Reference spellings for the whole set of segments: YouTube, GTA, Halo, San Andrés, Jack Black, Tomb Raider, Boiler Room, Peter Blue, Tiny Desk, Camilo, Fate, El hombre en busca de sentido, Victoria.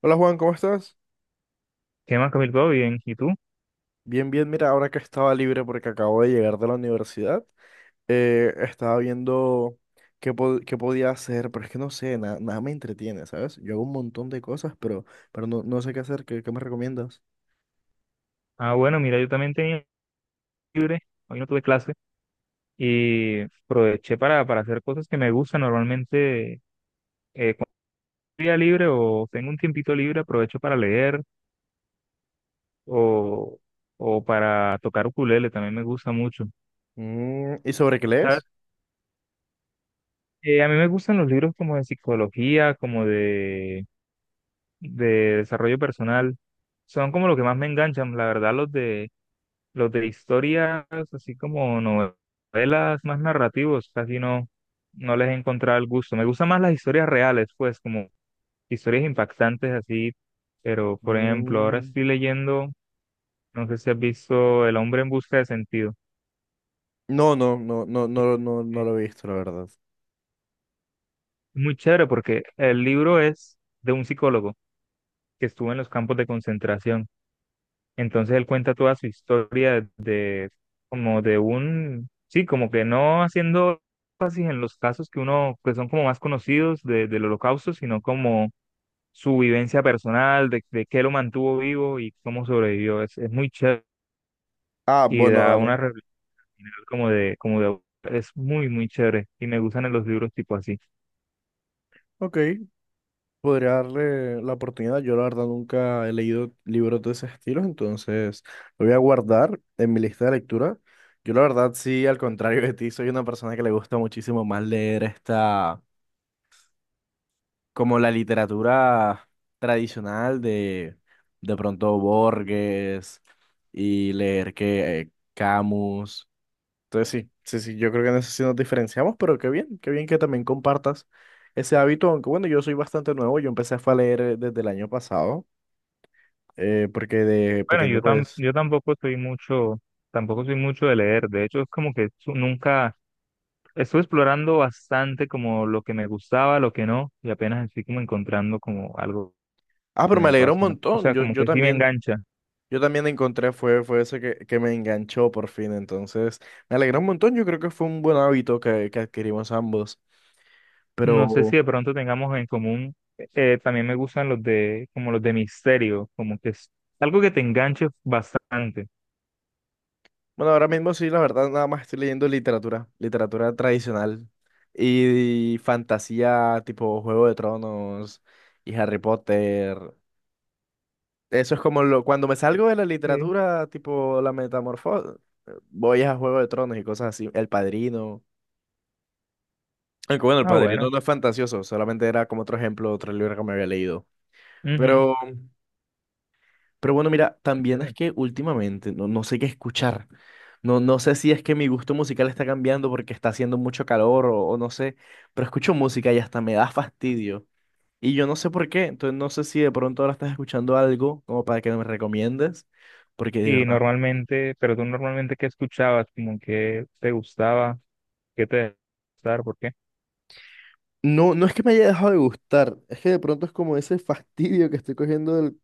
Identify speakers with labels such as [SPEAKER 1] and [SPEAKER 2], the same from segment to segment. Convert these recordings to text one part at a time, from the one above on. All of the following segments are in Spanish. [SPEAKER 1] Hola Juan, ¿cómo estás?
[SPEAKER 2] ¿Qué más, Camilo? ¿Todo bien? ¿Y tú?
[SPEAKER 1] Bien, bien, mira, ahora que estaba libre porque acabo de llegar de la universidad, estaba viendo qué podía hacer, pero es que no sé, nada me entretiene, ¿sabes? Yo hago un montón de cosas, pero no, no sé qué hacer, ¿ qué me recomiendas?
[SPEAKER 2] Ah, bueno, mira, yo también tenía libre, hoy no tuve clase y aproveché para hacer cosas que me gustan. Normalmente, cuando tengo día libre o tengo un tiempito libre, aprovecho para leer o, o para tocar ukulele, también me gusta mucho.
[SPEAKER 1] Mm, ¿y sobre qué
[SPEAKER 2] ¿Sabes?
[SPEAKER 1] lees?
[SPEAKER 2] A mí me gustan los libros como de psicología, como de desarrollo personal. Son como lo que más me enganchan, la verdad, los de historias, así como novelas más narrativos, casi no les he encontrado el gusto. Me gustan más las historias reales, pues, como historias impactantes así. Pero, por ejemplo, ahora
[SPEAKER 1] Mm,
[SPEAKER 2] estoy leyendo, no sé si has visto El hombre en busca de sentido.
[SPEAKER 1] no, no, no, no, no, no, no
[SPEAKER 2] Sí.
[SPEAKER 1] lo he visto, la verdad.
[SPEAKER 2] Muy chévere porque el libro es de un psicólogo que estuvo en los campos de concentración. Entonces él cuenta toda su historia de como de un, sí, como que no haciendo énfasis en los casos que uno, que son como más conocidos de, del holocausto, sino como su vivencia personal, de qué lo mantuvo vivo y cómo sobrevivió. Es muy chévere
[SPEAKER 1] Ah,
[SPEAKER 2] y
[SPEAKER 1] bueno,
[SPEAKER 2] da
[SPEAKER 1] dale.
[SPEAKER 2] una reflexión como de, es muy, muy chévere y me gustan los libros tipo así.
[SPEAKER 1] Ok. Podría darle la oportunidad. Yo la verdad nunca he leído libros de ese estilo, entonces lo voy a guardar en mi lista de lectura. Yo la verdad sí, al contrario de ti, soy una persona que le gusta muchísimo más leer esta, como la literatura tradicional de pronto Borges y leer que Camus. Entonces sí, sí, sí, yo creo que en eso sí nos diferenciamos, pero qué bien que también compartas ese hábito, aunque bueno, yo soy bastante nuevo, yo empecé fue a leer desde el año pasado, porque de
[SPEAKER 2] Bueno,
[SPEAKER 1] pequeño
[SPEAKER 2] yo, tam,
[SPEAKER 1] pues...
[SPEAKER 2] yo tampoco soy mucho de leer, de hecho es como que nunca estuve explorando bastante como lo que me gustaba, lo que no, y apenas estoy como encontrando como algo
[SPEAKER 1] Ah,
[SPEAKER 2] que
[SPEAKER 1] pero me
[SPEAKER 2] me
[SPEAKER 1] alegró un
[SPEAKER 2] apasiona. O
[SPEAKER 1] montón,
[SPEAKER 2] sea, como que sí me engancha.
[SPEAKER 1] yo también encontré, fue eso que me enganchó por fin, entonces me alegró un montón, yo creo que fue un buen hábito que adquirimos ambos,
[SPEAKER 2] No sé
[SPEAKER 1] pero...
[SPEAKER 2] si de pronto tengamos en común, también me gustan los de, como los de misterio, como que es algo que te enganche bastante.
[SPEAKER 1] Bueno, ahora mismo sí, la verdad, nada más estoy leyendo literatura, literatura tradicional y, fantasía tipo Juego de Tronos y Harry Potter. Eso es como lo,
[SPEAKER 2] Ah,
[SPEAKER 1] cuando me
[SPEAKER 2] bueno.
[SPEAKER 1] salgo de la
[SPEAKER 2] Sí.
[SPEAKER 1] literatura, tipo la metamorfosis, voy a Juego de Tronos y cosas así, El Padrino. Aunque bueno, El
[SPEAKER 2] Ah,
[SPEAKER 1] Padrino
[SPEAKER 2] bueno.
[SPEAKER 1] no es fantasioso, solamente era como otro ejemplo, otro libro que me había leído.
[SPEAKER 2] Ujú,
[SPEAKER 1] Pero Pero bueno, mira, también es
[SPEAKER 2] chévere.
[SPEAKER 1] que últimamente no, no sé qué escuchar. No, no sé si es que mi gusto musical está cambiando porque está haciendo mucho calor o no sé, pero escucho música y hasta me da fastidio. Y yo no sé por qué, entonces no sé si de pronto ahora estás escuchando algo como para que me recomiendes, porque de
[SPEAKER 2] Y
[SPEAKER 1] verdad.
[SPEAKER 2] normalmente, pero tú normalmente ¿qué escuchabas, como que te gustaba, qué te gustaba, por qué?
[SPEAKER 1] No, no es que me haya dejado de gustar, es que de pronto es como ese fastidio que estoy cogiendo del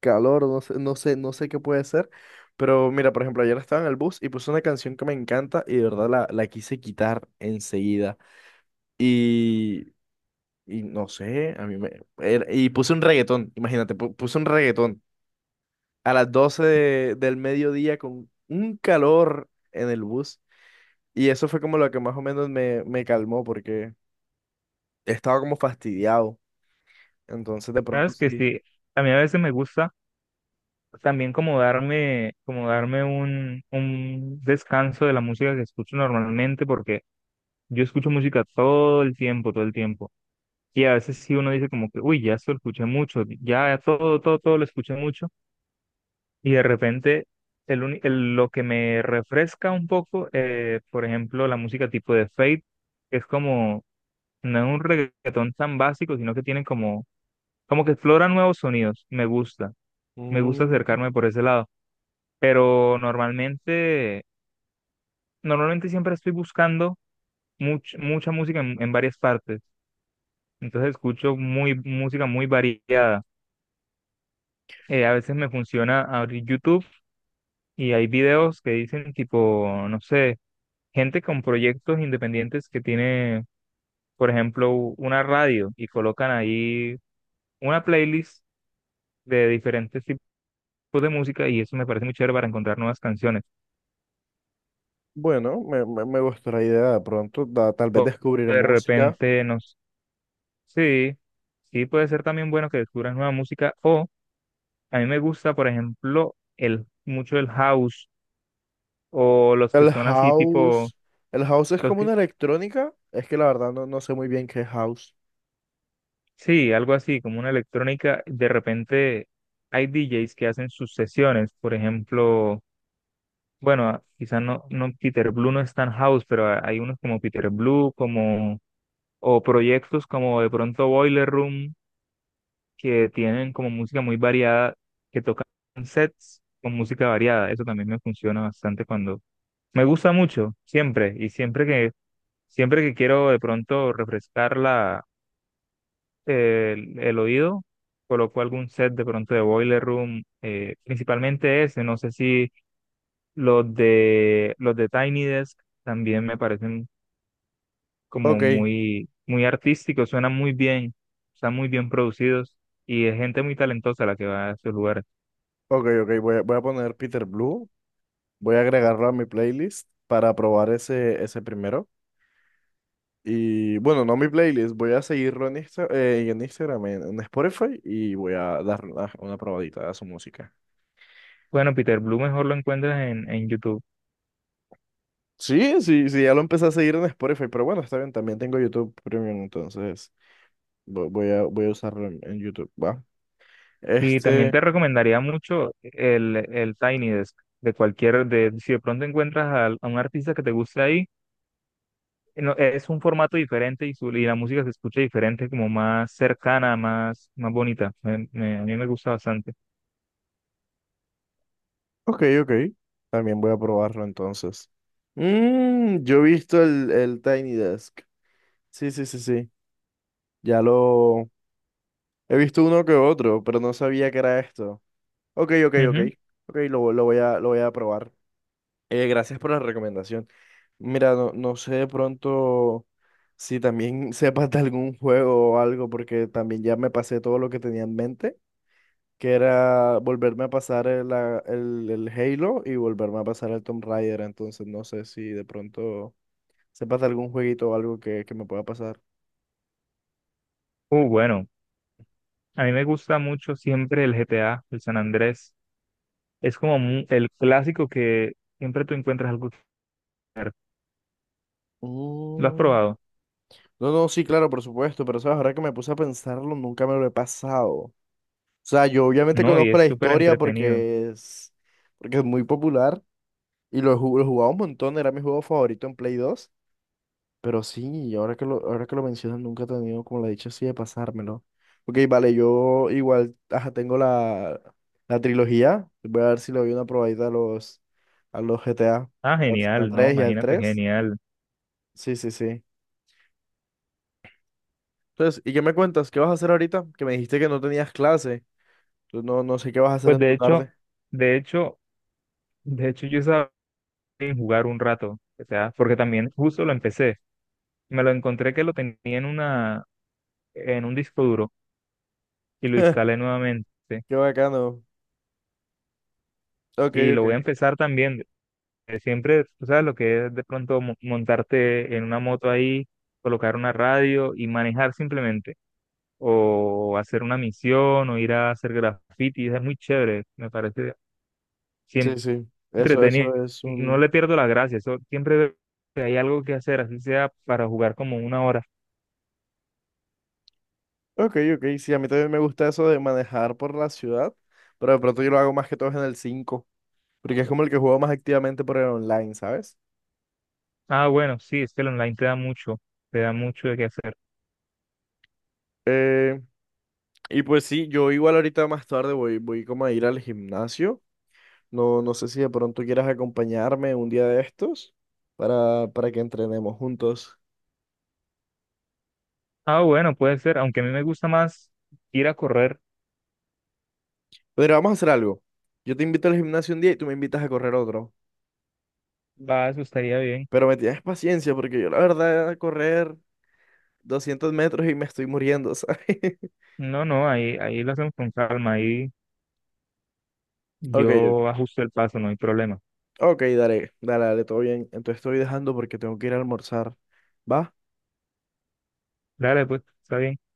[SPEAKER 1] calor, no sé, no sé, no sé qué puede ser. Pero mira, por ejemplo, ayer estaba en el bus y puse una canción que me encanta y de verdad la quise quitar enseguida. Y, y no sé, a mí me... y puse un reggaetón, imagínate, puse un reggaetón a las 12 del mediodía con un calor en el bus. Y eso fue como lo que más o menos me calmó porque estaba como fastidiado. Entonces de pronto
[SPEAKER 2] Sabes que
[SPEAKER 1] sí.
[SPEAKER 2] sí, a mí a veces me gusta, también como darme un descanso de la música que escucho normalmente, porque yo escucho música todo el tiempo, todo el tiempo. Y a veces sí uno dice como que, uy, ya esto lo escuché mucho, ya todo, todo, todo lo escuché mucho. Y de repente lo que me refresca un poco, por ejemplo, la música tipo de Fate, que es como, no es un reggaetón tan básico, sino que tienen como, como que explora nuevos sonidos. Me gusta acercarme por ese lado. Pero normalmente siempre estoy buscando mucha música en varias partes, entonces escucho música muy variada. A veces me funciona abrir YouTube y hay videos que dicen tipo, no sé, gente con proyectos independientes que tiene, por ejemplo, una radio y colocan ahí una playlist de diferentes tipos de música y eso me parece muy chévere para encontrar nuevas canciones.
[SPEAKER 1] Bueno, me gustó la idea de pronto, tal vez
[SPEAKER 2] O
[SPEAKER 1] descubrir
[SPEAKER 2] de
[SPEAKER 1] música.
[SPEAKER 2] repente, no. Sí, sí puede ser también bueno que descubras nueva música o a mí me gusta, por ejemplo, el mucho el house o los que
[SPEAKER 1] El
[SPEAKER 2] son así tipo
[SPEAKER 1] house, el house es
[SPEAKER 2] los
[SPEAKER 1] como
[SPEAKER 2] que
[SPEAKER 1] una electrónica, es que la verdad no, no sé muy bien qué es house.
[SPEAKER 2] sí, algo así como una electrónica, de repente hay DJs que hacen sus sesiones, por ejemplo, bueno, quizás no, no Peter Blue no es tan house, pero hay unos como Peter Blue como, o proyectos como de pronto Boiler Room que tienen como música muy variada, que tocan sets con música variada. Eso también me funciona bastante cuando me gusta mucho, siempre, y siempre que quiero de pronto refrescar el oído, coloco algún set de pronto de Boiler Room, principalmente ese, no sé si los de Tiny Desk también me parecen como
[SPEAKER 1] Ok,
[SPEAKER 2] muy, muy artísticos, suenan muy bien, están muy bien producidos y es gente muy talentosa la que va a esos lugares.
[SPEAKER 1] ok, ok, voy a poner Peter Blue, voy a agregarlo a mi playlist para probar ese, ese primero. Y bueno, no mi playlist, voy a seguirlo en Instagram, en Spotify y voy a dar una probadita a su música.
[SPEAKER 2] Bueno, Peter Blue mejor lo encuentras en YouTube.
[SPEAKER 1] Sí, sí, sí, ya lo empecé a seguir en Spotify, pero bueno, está bien, también tengo YouTube Premium, entonces. Voy a usarlo en YouTube, ¿va?
[SPEAKER 2] Y también
[SPEAKER 1] Este,
[SPEAKER 2] te recomendaría mucho el Tiny Desk de cualquier, de, si de pronto encuentras un artista que te guste ahí, no, es un formato diferente y la música se escucha diferente, como más cercana, más, más bonita. A mí me gusta bastante.
[SPEAKER 1] ok, ok. También voy a probarlo entonces. Mm, yo he visto el Tiny Desk. Sí, sí, sí, sí. Ya lo he visto uno que otro, pero no sabía que era esto. Ok, ok, ok.
[SPEAKER 2] Ujú.
[SPEAKER 1] Ok, lo voy a probar. Gracias por la recomendación. Mira, no, no sé de pronto si también sepas de algún juego o algo, porque también ya me pasé todo lo que tenía en mente, que era volverme a pasar el Halo y volverme a pasar el Tomb Raider. Entonces, no sé si de pronto sepas de algún jueguito o algo que me pueda pasar.
[SPEAKER 2] Bueno, a mí me gusta mucho siempre el GTA, el San Andrés. Es como el clásico que siempre tú encuentras algo que hacer. Lo has
[SPEAKER 1] Mm,
[SPEAKER 2] probado,
[SPEAKER 1] no, no, sí, claro, por supuesto, pero sabes, ahora que me puse a pensarlo, nunca me lo he pasado. O sea, yo obviamente
[SPEAKER 2] ¿no? Y
[SPEAKER 1] conozco
[SPEAKER 2] es
[SPEAKER 1] la
[SPEAKER 2] súper
[SPEAKER 1] historia
[SPEAKER 2] entretenido.
[SPEAKER 1] porque es muy popular y lo he, lo he jugado un montón, era mi juego favorito en Play 2. Pero sí, ahora ahora que lo mencionas, nunca he tenido como la dicha así de pasármelo. Ok, vale, yo igual ajá, tengo la trilogía. Voy a ver si le doy una probadita a a los GTA,
[SPEAKER 2] Ah,
[SPEAKER 1] al San
[SPEAKER 2] genial, ¿no?
[SPEAKER 1] Andrés y al
[SPEAKER 2] Imagínate,
[SPEAKER 1] tres.
[SPEAKER 2] genial.
[SPEAKER 1] Sí, sí, sí. Entonces, ¿y qué me cuentas? ¿Qué vas a hacer ahorita? Que me dijiste que no tenías clase. Entonces, no, no sé qué vas a hacer
[SPEAKER 2] Pues
[SPEAKER 1] en tu tarde.
[SPEAKER 2] de hecho, de hecho yo sabía jugar un rato, o sea, porque también justo lo empecé. Me lo encontré que lo tenía en un disco duro y lo instalé nuevamente, ¿sí?
[SPEAKER 1] Qué bacano. Ok,
[SPEAKER 2] Y lo voy a
[SPEAKER 1] ok.
[SPEAKER 2] empezar también. Siempre, tú sabes lo que es de pronto montarte en una moto ahí, colocar una radio y manejar simplemente o hacer una misión o ir a hacer graffiti, es muy chévere, me parece.
[SPEAKER 1] Sí, sí. Eso,
[SPEAKER 2] Entretenido,
[SPEAKER 1] eso es
[SPEAKER 2] no
[SPEAKER 1] un...
[SPEAKER 2] le pierdo la gracia, eso siempre veo que hay algo que hacer, así sea para jugar como una hora.
[SPEAKER 1] Ok, ok. Sí, a mí también me gusta eso de manejar por la ciudad, pero de pronto yo lo hago más que todo en el 5. Porque es como el que juego más activamente por el online, ¿sabes?
[SPEAKER 2] Ah, bueno, sí, es que el online te da mucho, de qué hacer.
[SPEAKER 1] Eh, y pues sí, yo igual ahorita más tarde voy como a ir al gimnasio. No, no sé si de pronto quieras acompañarme un día de estos para que entrenemos juntos.
[SPEAKER 2] Ah, bueno, puede ser, aunque a mí me gusta más ir a correr,
[SPEAKER 1] Pero vamos a hacer algo. Yo te invito al gimnasio un día y tú me invitas a correr otro.
[SPEAKER 2] va, eso estaría bien.
[SPEAKER 1] Pero me tienes paciencia porque yo la verdad correr 200 metros y me estoy muriendo, ¿sabes?
[SPEAKER 2] No, no, ahí lo hacemos con calma, ahí
[SPEAKER 1] Ok, ok,
[SPEAKER 2] yo ajusto el paso, no hay problema.
[SPEAKER 1] ok, dale, dale, dale, todo bien. Entonces estoy dejando porque tengo que ir a almorzar. ¿Va?
[SPEAKER 2] Dale, pues, está bien.